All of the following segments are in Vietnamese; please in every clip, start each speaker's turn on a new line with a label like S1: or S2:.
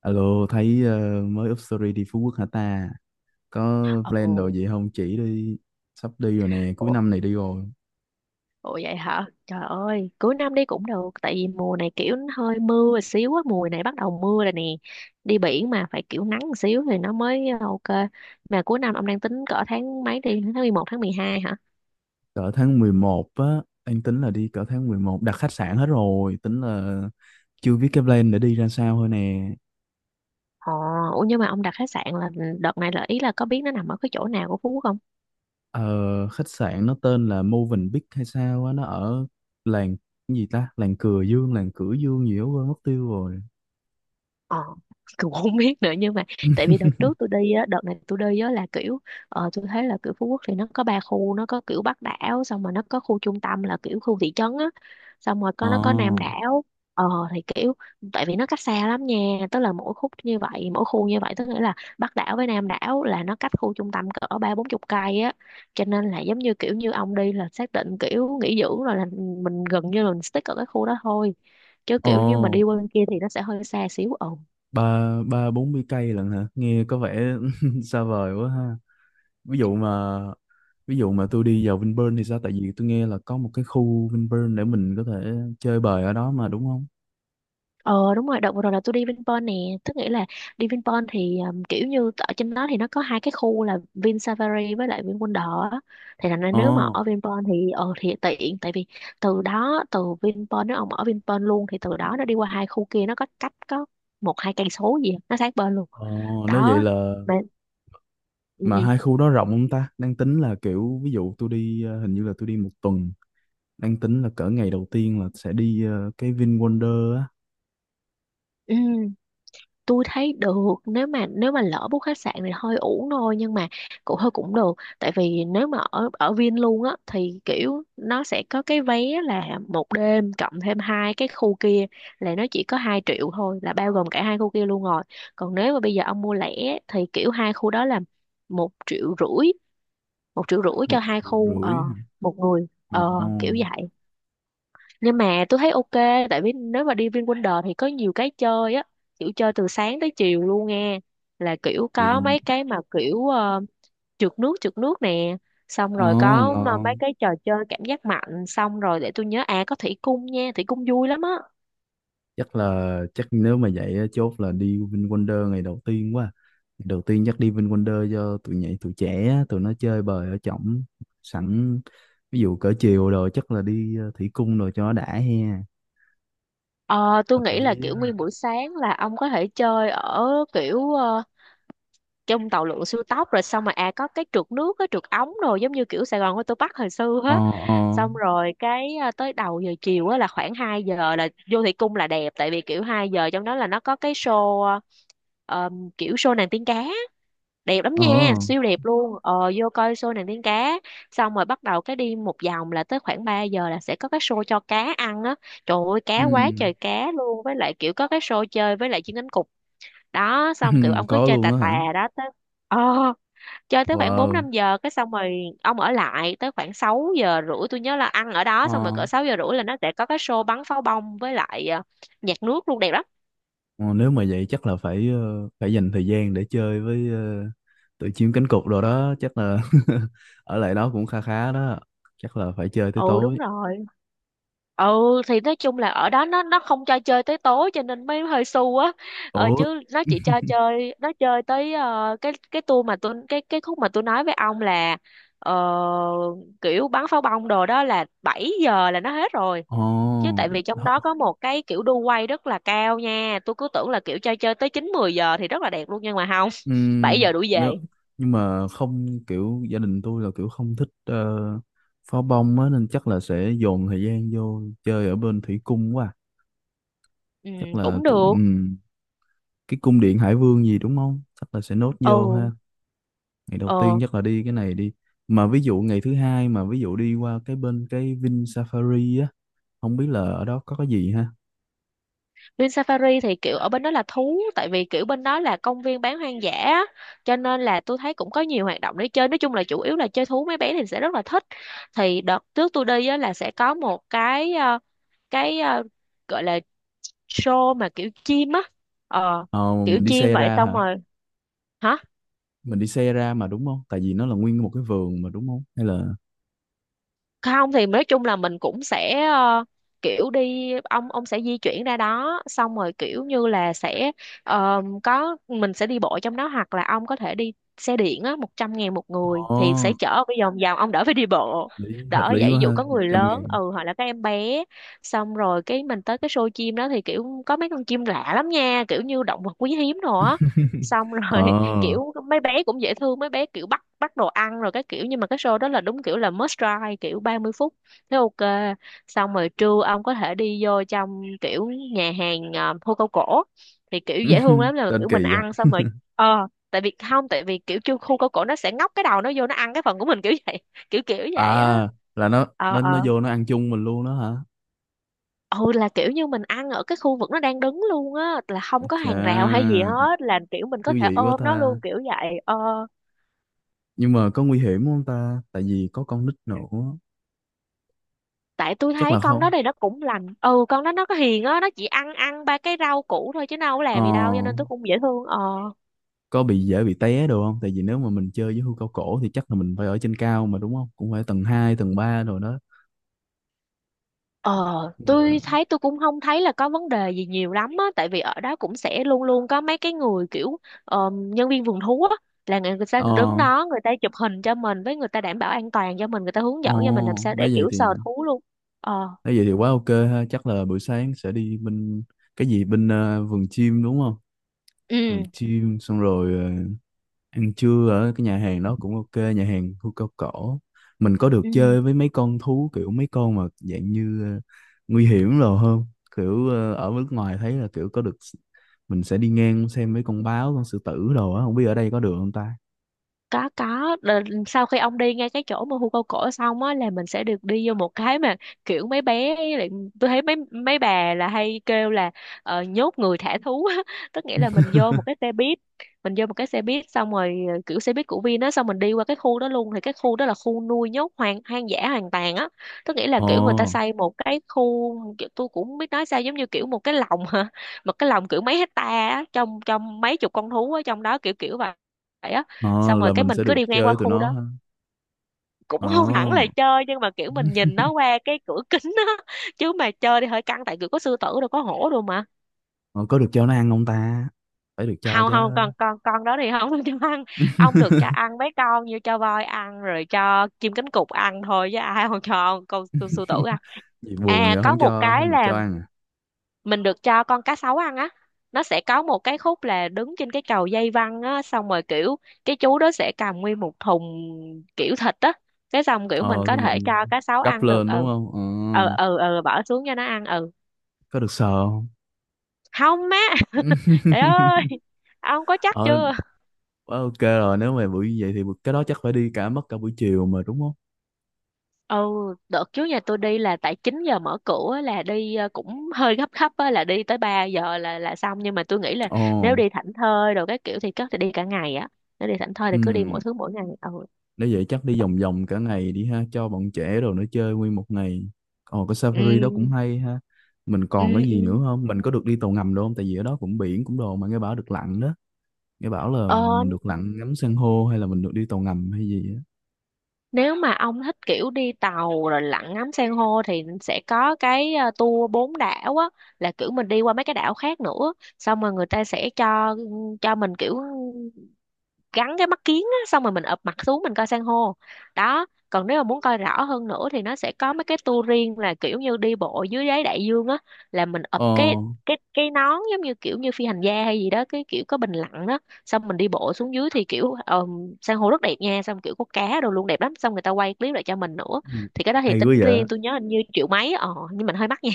S1: Alo, thấy mới up story đi Phú Quốc hả ta? Có plan đồ
S2: Ồ,
S1: gì không? Chỉ đi, sắp đi rồi nè, cuối
S2: ủa,
S1: năm này đi rồi.
S2: ủa, vậy hả? Trời ơi, cuối năm đi cũng được. Tại vì mùa này kiểu nó hơi mưa một xíu á. Mùa này bắt đầu mưa rồi nè. Đi biển mà phải kiểu nắng một xíu thì nó mới ok. Mà cuối năm ông đang tính cỡ tháng mấy đi? Tháng 11, tháng 12 hả?
S1: Cỡ tháng 11 á, anh tính là đi cỡ tháng 11, đặt khách sạn hết rồi, tính là chưa biết cái plan để đi ra sao thôi nè.
S2: Ồ, ủa nhưng mà ông đặt khách sạn là đợt này là ý là có biết nó nằm ở cái chỗ nào của Phú Quốc không?
S1: Ờ, Khách sạn nó tên là Movenpick hay sao á, nó ở làng cái gì ta? Làng Cửa Dương gì đó quên mất tiêu rồi.
S2: Ờ, cũng không biết nữa, nhưng mà tại vì đợt trước tôi đi á, đợt này tôi đi á là kiểu tôi thấy là kiểu Phú Quốc thì nó có ba khu, nó có kiểu Bắc đảo, xong rồi nó có khu trung tâm là kiểu khu thị trấn á, xong rồi
S1: Ồ,
S2: có nó có Nam đảo. Ờ thì kiểu, tại vì nó cách xa lắm nha, tức là mỗi khúc như vậy, mỗi khu như vậy, tức nghĩa là Bắc đảo với Nam đảo là nó cách khu trung tâm cỡ ba bốn chục cây á, cho nên là giống như kiểu như ông đi là xác định kiểu nghỉ dưỡng rồi, là mình gần như là mình stick ở cái khu đó thôi, chứ
S1: ồ,
S2: kiểu như mà đi qua bên kia thì nó sẽ hơi xa xíu. Ừ.
S1: ba ba bốn mươi cây lận hả? Nghe có vẻ xa vời quá ha. ví dụ mà ví dụ mà tôi đi vào Vinpearl thì sao, tại vì tôi nghe là có một cái khu Vinpearl để mình có thể chơi bời ở đó mà, đúng không?
S2: Ờ đúng rồi, đợt vừa rồi là tôi đi Vinpearl nè, tức nghĩa là đi Vinpearl thì kiểu như ở trên đó thì nó có hai cái khu là Vin Safari với lại Vin Wonder á. Thì thành ra
S1: ờ
S2: nếu mà ở Vinpearl thì ờ thì tiện, tại vì từ đó, từ Vinpearl, nếu ông ở Vinpearl luôn thì từ đó nó đi qua hai khu kia, nó có cách có một hai cây số gì á, nó sát bên luôn.
S1: ờ Nếu vậy
S2: Đó.
S1: là.
S2: Mà, ừ,
S1: Mà
S2: ừ.
S1: hai khu đó rộng không ta, đang tính là kiểu ví dụ tôi đi, hình như là tôi đi một tuần, đang tính là cỡ ngày đầu tiên là sẽ đi cái Vin Wonder á.
S2: Ừ, tôi thấy được. Nếu mà lỡ book khách sạn thì hơi uổng thôi, nhưng mà cũng hơi cũng được, tại vì nếu mà ở ở Vin luôn á thì kiểu nó sẽ có cái vé là một đêm cộng thêm hai cái khu kia, là nó chỉ có 2 triệu thôi, là bao gồm cả hai khu kia luôn rồi. Còn nếu mà bây giờ ông mua lẻ thì kiểu hai khu đó là một triệu rưỡi, cho
S1: một
S2: hai
S1: triệu
S2: khu ờ,
S1: rưỡi
S2: một người
S1: Ồ
S2: ờ, kiểu vậy. Nhưng mà tôi thấy ok, tại vì nếu mà đi VinWonder thì có nhiều cái chơi á, kiểu chơi từ sáng tới chiều luôn nghe, là kiểu có
S1: vậy.
S2: mấy cái mà kiểu trượt nước, nè, xong
S1: ờ
S2: rồi có mà mấy
S1: Ngon.
S2: cái trò chơi cảm giác mạnh, xong rồi để tôi nhớ, à có thủy cung nha, thủy cung vui lắm á.
S1: Chắc nếu mà vậy á, chốt là đi VinWonder ngày đầu tiên quá. Ngày đầu tiên chắc đi VinWonder cho tụi nhảy tụi trẻ á, tụi nó chơi bời ở trỏng sẵn. Ví dụ cỡ chiều rồi chắc là đi thủy cung rồi cho nó đã he.
S2: Ờ, tôi
S1: Hợp
S2: nghĩ là
S1: lý đó.
S2: kiểu nguyên buổi sáng là ông có thể chơi ở kiểu trong tàu lượn siêu tốc rồi xong, mà à có cái trượt nước, cái trượt ống, rồi giống như kiểu Sài Gòn của tôi Bắc hồi xưa á.
S1: Ờ,
S2: Xong rồi cái à, tới đầu giờ chiều á là khoảng 2 giờ là vô thị cung là đẹp, tại vì kiểu 2 giờ trong đó là nó có cái show ờ, kiểu show nàng tiên cá, đẹp lắm
S1: ờ,
S2: nha,
S1: ờ,
S2: siêu đẹp luôn. Ờ, vô coi show nàng tiên cá xong rồi bắt đầu cái đi một vòng là tới khoảng 3 giờ là sẽ có cái show cho cá ăn á, trời ơi cá quá
S1: ừ.
S2: trời cá luôn, với lại kiểu có cái show chơi với lại chiên cánh cụt. Đó, xong kiểu ông cứ
S1: Có
S2: chơi
S1: luôn
S2: tà
S1: á
S2: tà.
S1: hả?
S2: Đó tới ờ, chơi tới khoảng bốn
S1: Wow.
S2: năm giờ, cái xong rồi ông ở lại tới khoảng sáu giờ rưỡi, tôi nhớ là ăn ở đó,
S1: Ờ.
S2: xong rồi cỡ sáu giờ rưỡi là nó sẽ có cái show bắn pháo bông với lại nhạc nước luôn, đẹp lắm.
S1: Ờ, nếu mà vậy chắc là phải, phải dành thời gian để chơi với, tụi chim cánh cụt rồi đó chắc là. Ở lại đó cũng kha khá đó, chắc là phải chơi tới
S2: Ừ đúng
S1: tối.
S2: rồi, ừ thì nói chung là ở đó nó không cho chơi tới tối cho nên mới hơi xu á. Ờ
S1: Ủa.
S2: chứ nó chỉ cho chơi, nó chơi tới cái tour mà tôi cái khúc mà tôi nói với ông là ờ, kiểu bắn pháo bông đồ đó là 7 giờ là nó hết rồi. Chứ
S1: Ồ.
S2: tại vì trong đó
S1: họ-
S2: có một cái kiểu đu quay rất là cao nha, tôi cứ tưởng là kiểu chơi chơi tới chín mười giờ thì rất là đẹp luôn, nhưng mà không. Bảy giờ đuổi
S1: nếu
S2: về.
S1: Nhưng mà không, kiểu gia đình tôi là kiểu không thích pháo bông á, nên chắc là sẽ dồn thời gian vô chơi ở bên thủy cung quá. À.
S2: Ừ,
S1: Chắc là
S2: cũng được.
S1: cái cung điện Hải Vương gì đúng không? Chắc là sẽ nốt vô
S2: Ừ.
S1: ha. Ngày đầu tiên
S2: Ờ.
S1: chắc là đi cái này đi. Mà ví dụ ngày thứ hai mà ví dụ đi qua cái bên cái Vin Safari á, không biết là ở đó có cái gì ha.
S2: Vin Safari thì kiểu ở bên đó là thú, tại vì kiểu bên đó là công viên bán hoang dã á, cho nên là tôi thấy cũng có nhiều hoạt động để chơi, nói chung là chủ yếu là chơi thú, mấy bé thì sẽ rất là thích. Thì đợt trước tôi đi á, là sẽ có một cái cái gọi là show mà kiểu chim á. Ờ,
S1: Ờ,
S2: kiểu
S1: mình đi
S2: chim
S1: xe
S2: vậy
S1: ra
S2: xong
S1: hả?
S2: rồi. Hả?
S1: Mình đi xe ra mà đúng không? Tại vì nó là nguyên một cái vườn mà đúng không? Hay là.
S2: Không thì nói chung là mình cũng sẽ kiểu đi, ông sẽ di chuyển ra đó, xong rồi kiểu như là sẽ có, mình sẽ đi bộ trong đó, hoặc là ông có thể đi xe điện á, 100 ngàn một người
S1: Ồ,
S2: thì sẽ chở bây vòng vòng, ông đỡ phải đi bộ, đỡ
S1: hợp lý
S2: vậy, ví
S1: quá ha,
S2: dụ có người
S1: trăm
S2: lớn
S1: ngàn.
S2: ừ, hoặc là các em bé. Xong rồi cái mình tới cái show chim đó thì kiểu có mấy con chim lạ lắm nha, kiểu như động vật quý hiếm rồi á. Xong rồi
S1: Ờ,
S2: kiểu mấy bé cũng dễ thương, mấy bé kiểu bắt bắt đồ ăn rồi cái kiểu, nhưng mà cái show đó là đúng kiểu là must try, kiểu 30 phút thế ok. Xong rồi trưa ông có thể đi vô trong kiểu nhà hàng, à, hô câu cổ, thì kiểu dễ thương lắm, là
S1: tên
S2: kiểu mình
S1: kỳ vậy.
S2: ăn xong rồi ờ, tại vì không, tại vì kiểu chưa khu câu cổ nó sẽ ngóc cái đầu nó vô nó ăn cái phần của mình kiểu vậy, kiểu kiểu vậy á.
S1: À, là nó
S2: Ờ
S1: nó nó
S2: ờ,
S1: vô nó ăn chung mình luôn đó hả?
S2: ừ là kiểu như mình ăn ở cái khu vực nó đang đứng luôn á, là không có
S1: Chà,
S2: hàng rào hay gì hết, là kiểu mình
S1: thú
S2: có thể
S1: vị quá
S2: ôm
S1: ta.
S2: nó luôn kiểu vậy ờ.
S1: Nhưng mà có nguy hiểm không ta? Tại vì có con nít nữa.
S2: Tại tôi
S1: Chắc
S2: thấy
S1: là
S2: con đó
S1: không.
S2: này nó cũng lành, ừ, con đó nó có hiền á, nó chỉ ăn ăn ba cái rau củ thôi chứ nó không có
S1: Ờ,
S2: làm gì đâu, cho nên tôi cũng dễ thương ờ.
S1: có bị dễ bị té đồ không? Tại vì nếu mà mình chơi với hươu cao cổ thì chắc là mình phải ở trên cao mà đúng không? Cũng phải tầng 2 tầng 3 rồi đó.
S2: Ờ tôi
S1: Mà-.
S2: thấy tôi cũng không thấy là có vấn đề gì nhiều lắm á, tại vì ở đó cũng sẽ luôn luôn có mấy cái người kiểu nhân viên vườn thú á, là người, người ta
S1: Ờ,
S2: đứng đó, người ta chụp hình cho mình với, người ta đảm bảo an toàn cho mình, người ta hướng
S1: ờ.
S2: dẫn cho mình làm sao
S1: Nếu
S2: để
S1: vậy
S2: kiểu sờ
S1: thì.
S2: thú luôn. Ờ,
S1: Nói vậy thì quá ok ha, chắc là buổi sáng sẽ đi bên cái gì bên, vườn chim đúng không? Vườn
S2: ừ
S1: chim xong rồi ăn trưa ở cái nhà hàng đó cũng ok, nhà hàng khu cao cổ. Mình có được
S2: ừ,
S1: chơi với mấy con thú kiểu mấy con mà dạng như, nguy hiểm rồi không? Kiểu ở nước ngoài thấy là kiểu có được, mình sẽ đi ngang xem mấy con báo, con sư tử đồ á, không biết ở đây có được không ta?
S2: có có. Đờ- sau khi ông đi ngay cái chỗ mà hươu câu cổ xong á, là mình sẽ được đi vô một cái mà kiểu mấy bé lại, tôi thấy mấy mấy bà là hay kêu là nhốt người thả thú á. Tức nghĩa là mình vô một cái xe buýt, xong rồi kiểu xe buýt của Vin á, xong mình đi qua cái khu đó luôn, thì cái khu đó là khu nuôi nhốt hoang hoang dã hoàn toàn á. Tức nghĩa là
S1: Ồ,
S2: kiểu người ta xây một cái khu kiểu, tôi cũng không biết nói sao, giống như kiểu một cái lồng hả, một cái lồng kiểu mấy hecta á, trong trong mấy chục con thú ở trong đó, kiểu kiểu vậy. Xong
S1: ồ,
S2: rồi
S1: là
S2: cái
S1: mình
S2: mình
S1: sẽ
S2: cứ
S1: được
S2: đi ngang qua
S1: chơi tụi
S2: khu
S1: nó
S2: đó,
S1: ha.
S2: cũng không hẳn là
S1: Ồ,
S2: chơi, nhưng mà kiểu mình nhìn nó qua cái cửa kính đó, chứ mà chơi thì hơi căng, tại kiểu có sư tử đâu, có hổ đâu mà.
S1: ồ, có được cho nó ăn không ta? Phải được cho
S2: Không
S1: chứ.
S2: không, con đó thì không được cho ăn. Ông được cho ăn mấy con như cho voi ăn rồi cho chim cánh cụt ăn thôi, chứ ai không cho con, sư tử ăn.
S1: Gì buồn
S2: À,
S1: vậy
S2: có
S1: không
S2: một
S1: cho
S2: cái
S1: không được
S2: là
S1: cho ăn à?
S2: mình được cho con cá sấu ăn á, nó sẽ có một cái khúc là đứng trên cái cầu dây văng á, xong rồi kiểu cái chú đó sẽ cầm nguyên một thùng kiểu thịt á, cái xong kiểu mình
S1: Ờ,
S2: có
S1: xong rồi
S2: thể cho cá sấu
S1: gấp
S2: ăn được.
S1: lên đúng
S2: Ừ,
S1: không? Ờ.
S2: ừ, ừ, ừ, bỏ xuống cho nó ăn ừ.
S1: Có được sờ không?
S2: Không má. Trời ơi, ông có chắc
S1: Ờ,
S2: chưa.
S1: quá ok rồi, nếu mà buổi như vậy thì cái đó chắc phải đi cả buổi chiều mà đúng không?
S2: Ừ. Đợt trước nhà tôi đi là tại chín giờ mở cửa á, là đi cũng hơi gấp gấp á, là đi tới 3 giờ là xong, nhưng mà tôi nghĩ là
S1: Ồ.
S2: nếu đi Thảnh thơi rồi cái kiểu thì chắc thì đi cả ngày á. Nếu đi thảnh thơi thì cứ đi mỗi
S1: ừm,
S2: thứ mỗi ngày. Ừ,
S1: Nếu vậy chắc đi vòng vòng cả ngày đi ha cho bọn trẻ rồi nó chơi nguyên một ngày. Ồ, cái safari đó cũng
S2: ừ,
S1: hay ha. Mình còn
S2: ừ,
S1: cái
S2: ừ,
S1: gì nữa không? Mình có được đi tàu ngầm đâu không? Tại vì ở đó cũng biển cũng đồ mà nghe bảo được lặn đó. Nghe bảo là
S2: ờ,
S1: được lặn ngắm san hô hay là mình được đi tàu ngầm hay gì á.
S2: nếu mà ông thích kiểu đi tàu rồi lặn ngắm san hô thì sẽ có cái tour bốn đảo á, là kiểu mình đi qua mấy cái đảo khác nữa, xong rồi người ta sẽ cho mình kiểu gắn cái mắt kiếng á, xong rồi mình ụp mặt xuống mình coi san hô đó. Còn nếu mà muốn coi rõ hơn nữa thì nó sẽ có mấy cái tour riêng là kiểu như đi bộ dưới đáy đại dương á, là mình ụp
S1: Ờ,
S2: cái nón giống như kiểu như phi hành gia hay gì đó, cái kiểu có bình lặng đó. Xong mình đi bộ xuống dưới thì kiểu san hô rất đẹp nha, xong kiểu có cá đồ luôn, đẹp lắm, xong người ta quay clip lại cho mình nữa.
S1: gì?
S2: Thì cái đó thì
S1: Hay quá
S2: tính
S1: vậy.
S2: riêng, tôi nhớ hình như triệu mấy, ờ nhưng mình hơi mắc nha.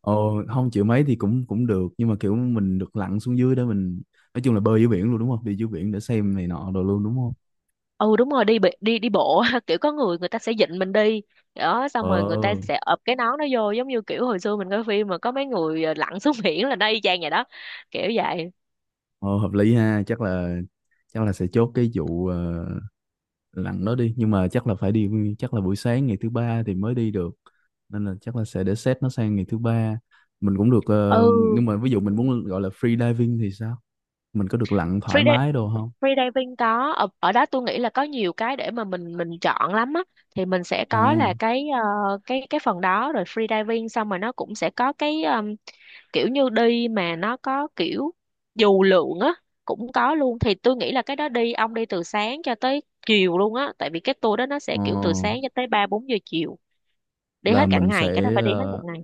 S1: Ồ, không chịu mấy thì cũng cũng được, nhưng mà kiểu mình được lặn xuống dưới đó, mình nói chung là bơi dưới biển luôn đúng không, đi dưới biển để xem này nọ đồ luôn đúng không?
S2: Ừ đúng rồi, đi đi bộ kiểu có người người ta sẽ dịnh mình đi đó, xong rồi người ta
S1: ờ
S2: sẽ ập cái nón nó vô, giống như kiểu hồi xưa mình coi phim mà có mấy người lặn xuống biển, là nó y chang vậy đó, kiểu vậy.
S1: ờ, Hợp lý ha, chắc là sẽ chốt cái vụ, lặn đó đi, nhưng mà chắc là phải đi, chắc là buổi sáng ngày thứ ba thì mới đi được, nên là chắc là sẽ để set nó sang ngày thứ ba. Mình cũng được,
S2: Ừ,
S1: nhưng mà ví dụ mình muốn gọi là free diving thì sao, mình có được lặn thoải
S2: free dive-
S1: mái đồ không?
S2: free diving có ở đó tôi nghĩ là có nhiều cái để mà mình chọn lắm á. Thì mình sẽ
S1: Ồ.
S2: có là cái cái phần đó, rồi free diving, xong rồi nó cũng sẽ có cái kiểu như đi mà nó có kiểu dù lượn á, cũng có luôn. Thì tôi nghĩ là cái đó đi, ông đi từ sáng cho tới chiều luôn á, tại vì cái tour đó nó sẽ
S1: ờ
S2: kiểu từ sáng cho tới ba bốn giờ chiều, đi
S1: là
S2: hết cả
S1: mình
S2: ngày, cái đó
S1: sẽ,
S2: phải đi hết một ngày.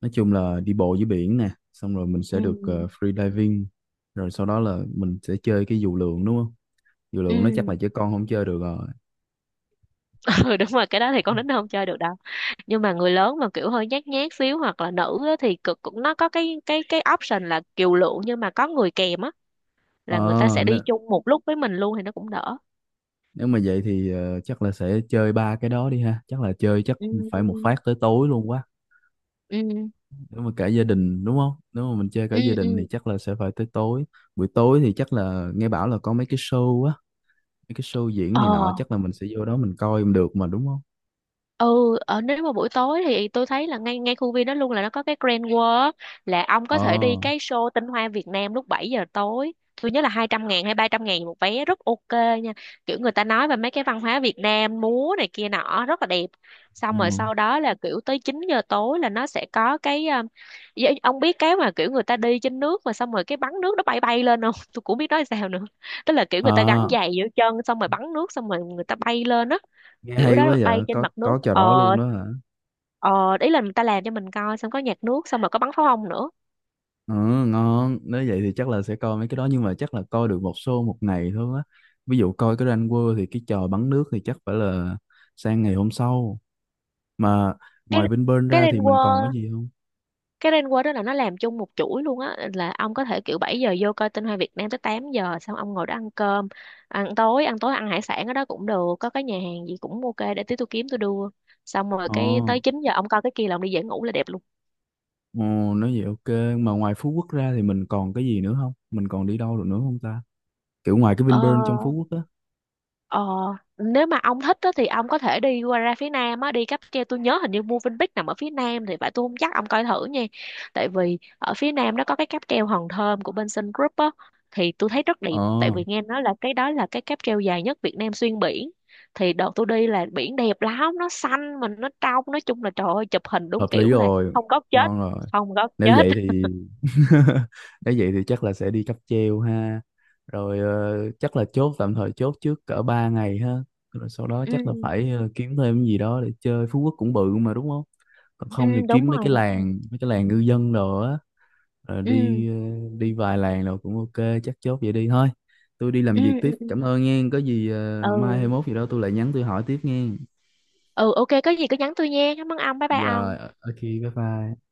S1: nói chung là đi bộ dưới biển nè, xong rồi mình
S2: Ừ,
S1: sẽ được, free diving, rồi sau đó là mình sẽ chơi cái dù lượn đúng không? Dù lượn nó chắc
S2: ừ.
S1: là trẻ con không chơi được rồi.
S2: Ừ đúng rồi, cái đó thì con nít nó không chơi được đâu, nhưng mà người lớn mà kiểu hơi nhát nhát xíu hoặc là nữ á, thì cực cũng nó có cái option là kiều lượng nhưng mà có người kèm á, là người ta
S1: ờ
S2: sẽ
S1: nếu,
S2: đi chung một lúc với mình luôn thì nó cũng đỡ.
S1: Nếu mà vậy thì, chắc là sẽ chơi ba cái đó đi ha, chắc là chơi chắc
S2: Ừ,
S1: phải một
S2: ừ,
S1: phát tới tối luôn quá.
S2: ừ,
S1: Nếu mà cả gia đình đúng không, nếu mà mình chơi cả
S2: ừ,
S1: gia đình thì
S2: ừ.
S1: chắc là sẽ phải tới tối. Buổi tối thì chắc là, nghe bảo là có mấy cái show á, mấy cái show diễn
S2: Ờ,
S1: này nọ chắc là mình sẽ vô đó mình coi được mà đúng không?
S2: ừ, ở nếu mà buổi tối thì tôi thấy là ngay ngay khu viên đó luôn là nó có cái Grand World, là ông
S1: ờ
S2: có thể đi cái show tinh hoa Việt Nam lúc 7 giờ tối. Tôi nhớ là 200 ngàn hay 300 ngàn một vé, rất ok nha, kiểu người ta nói về mấy cái văn hóa Việt Nam, múa này kia nọ rất là đẹp. Xong rồi
S1: ừ.
S2: sau đó là kiểu tới 9 giờ tối là nó sẽ có cái ờ, dạ, ông biết cái mà kiểu người ta đi trên nước mà xong rồi cái bắn nước nó bay bay lên không, tôi cũng biết nói sao nữa, tức là kiểu người ta gắn
S1: À,
S2: giày giữa chân xong rồi bắn nước, xong rồi người ta bay lên á,
S1: nghe
S2: kiểu
S1: hay quá
S2: đó bay
S1: vậy,
S2: trên
S1: có
S2: mặt nước.
S1: có trò đó luôn
S2: Ờ,
S1: đó hả?
S2: ờ, ý là người ta làm cho mình coi, xong có nhạc nước, xong rồi có bắn pháo hông nữa.
S1: Ừ, ngon. Nếu vậy thì chắc là sẽ coi mấy cái đó, nhưng mà chắc là coi được một show một ngày thôi á. Ví dụ coi cái Ranh World thì cái trò bắn nước thì chắc phải là sang ngày hôm sau. Mà
S2: cái
S1: ngoài Vinpearl
S2: cái
S1: ra thì mình còn cái
S2: Rainbow
S1: gì không?
S2: cái Rainbow đó là nó làm chung một chuỗi luôn á, là ông có thể kiểu 7 giờ vô coi tinh hoa Việt Nam tới 8 giờ, xong ông ngồi đó ăn cơm, ăn tối ăn hải sản ở đó cũng được, có cái nhà hàng gì cũng ok, để tí tôi kiếm tôi đưa. Xong rồi
S1: Ồ,
S2: cái tới 9 giờ ông coi cái kia là ông đi về ngủ là đẹp luôn.
S1: ồ, nói vậy ok. Mà ngoài Phú Quốc ra thì mình còn cái gì nữa không, mình còn đi đâu được nữa không ta, kiểu ngoài cái
S2: Ờ,
S1: Vinpearl trong Phú Quốc á?
S2: ờ, nếu mà ông thích á, thì ông có thể đi qua ra phía Nam á, đi cáp treo, tôi nhớ hình như Movenpick nằm ở phía Nam thì phải, tôi không chắc, ông coi thử nha. Tại vì ở phía Nam nó có cái cáp treo Hòn Thơm của bên Sun Group á, thì tôi thấy rất đẹp, tại
S1: Ờ.
S2: vì nghe nói là cái đó là cái cáp treo dài nhất Việt Nam xuyên biển. Thì đợt tôi đi là biển đẹp lắm, nó xanh mà nó trong, nói chung là trời ơi, chụp hình đúng
S1: Hợp lý
S2: kiểu là
S1: rồi,
S2: không góc chết,
S1: ngon rồi.
S2: không góc
S1: Nếu
S2: chết.
S1: vậy thì. Nếu vậy thì chắc là sẽ đi cáp treo ha. Rồi chắc là chốt tạm thời, chốt trước cỡ 3 ngày ha. Rồi sau đó chắc là
S2: Ừ,
S1: phải, kiếm thêm cái gì đó để chơi. Phú Quốc cũng bự mà đúng không? Còn
S2: ừ
S1: không thì
S2: đúng
S1: kiếm
S2: rồi đúng rồi.
S1: mấy cái làng ngư dân đồ á. Rồi
S2: Ừ,
S1: đi ờ, đi vài làng rồi cũng ok, chắc chốt vậy đi thôi. Tôi đi làm
S2: ừ,
S1: việc
S2: ừ,
S1: tiếp.
S2: ừ,
S1: Cảm ơn nghe. Có gì mai hay
S2: ừ,
S1: mốt gì đó tôi lại nhắn tôi hỏi tiếp nghe.
S2: ừ ok, có gì cứ nhắn tôi nha, cảm ơn ông, bye bye
S1: Rồi,
S2: ông.
S1: ok, bye bye.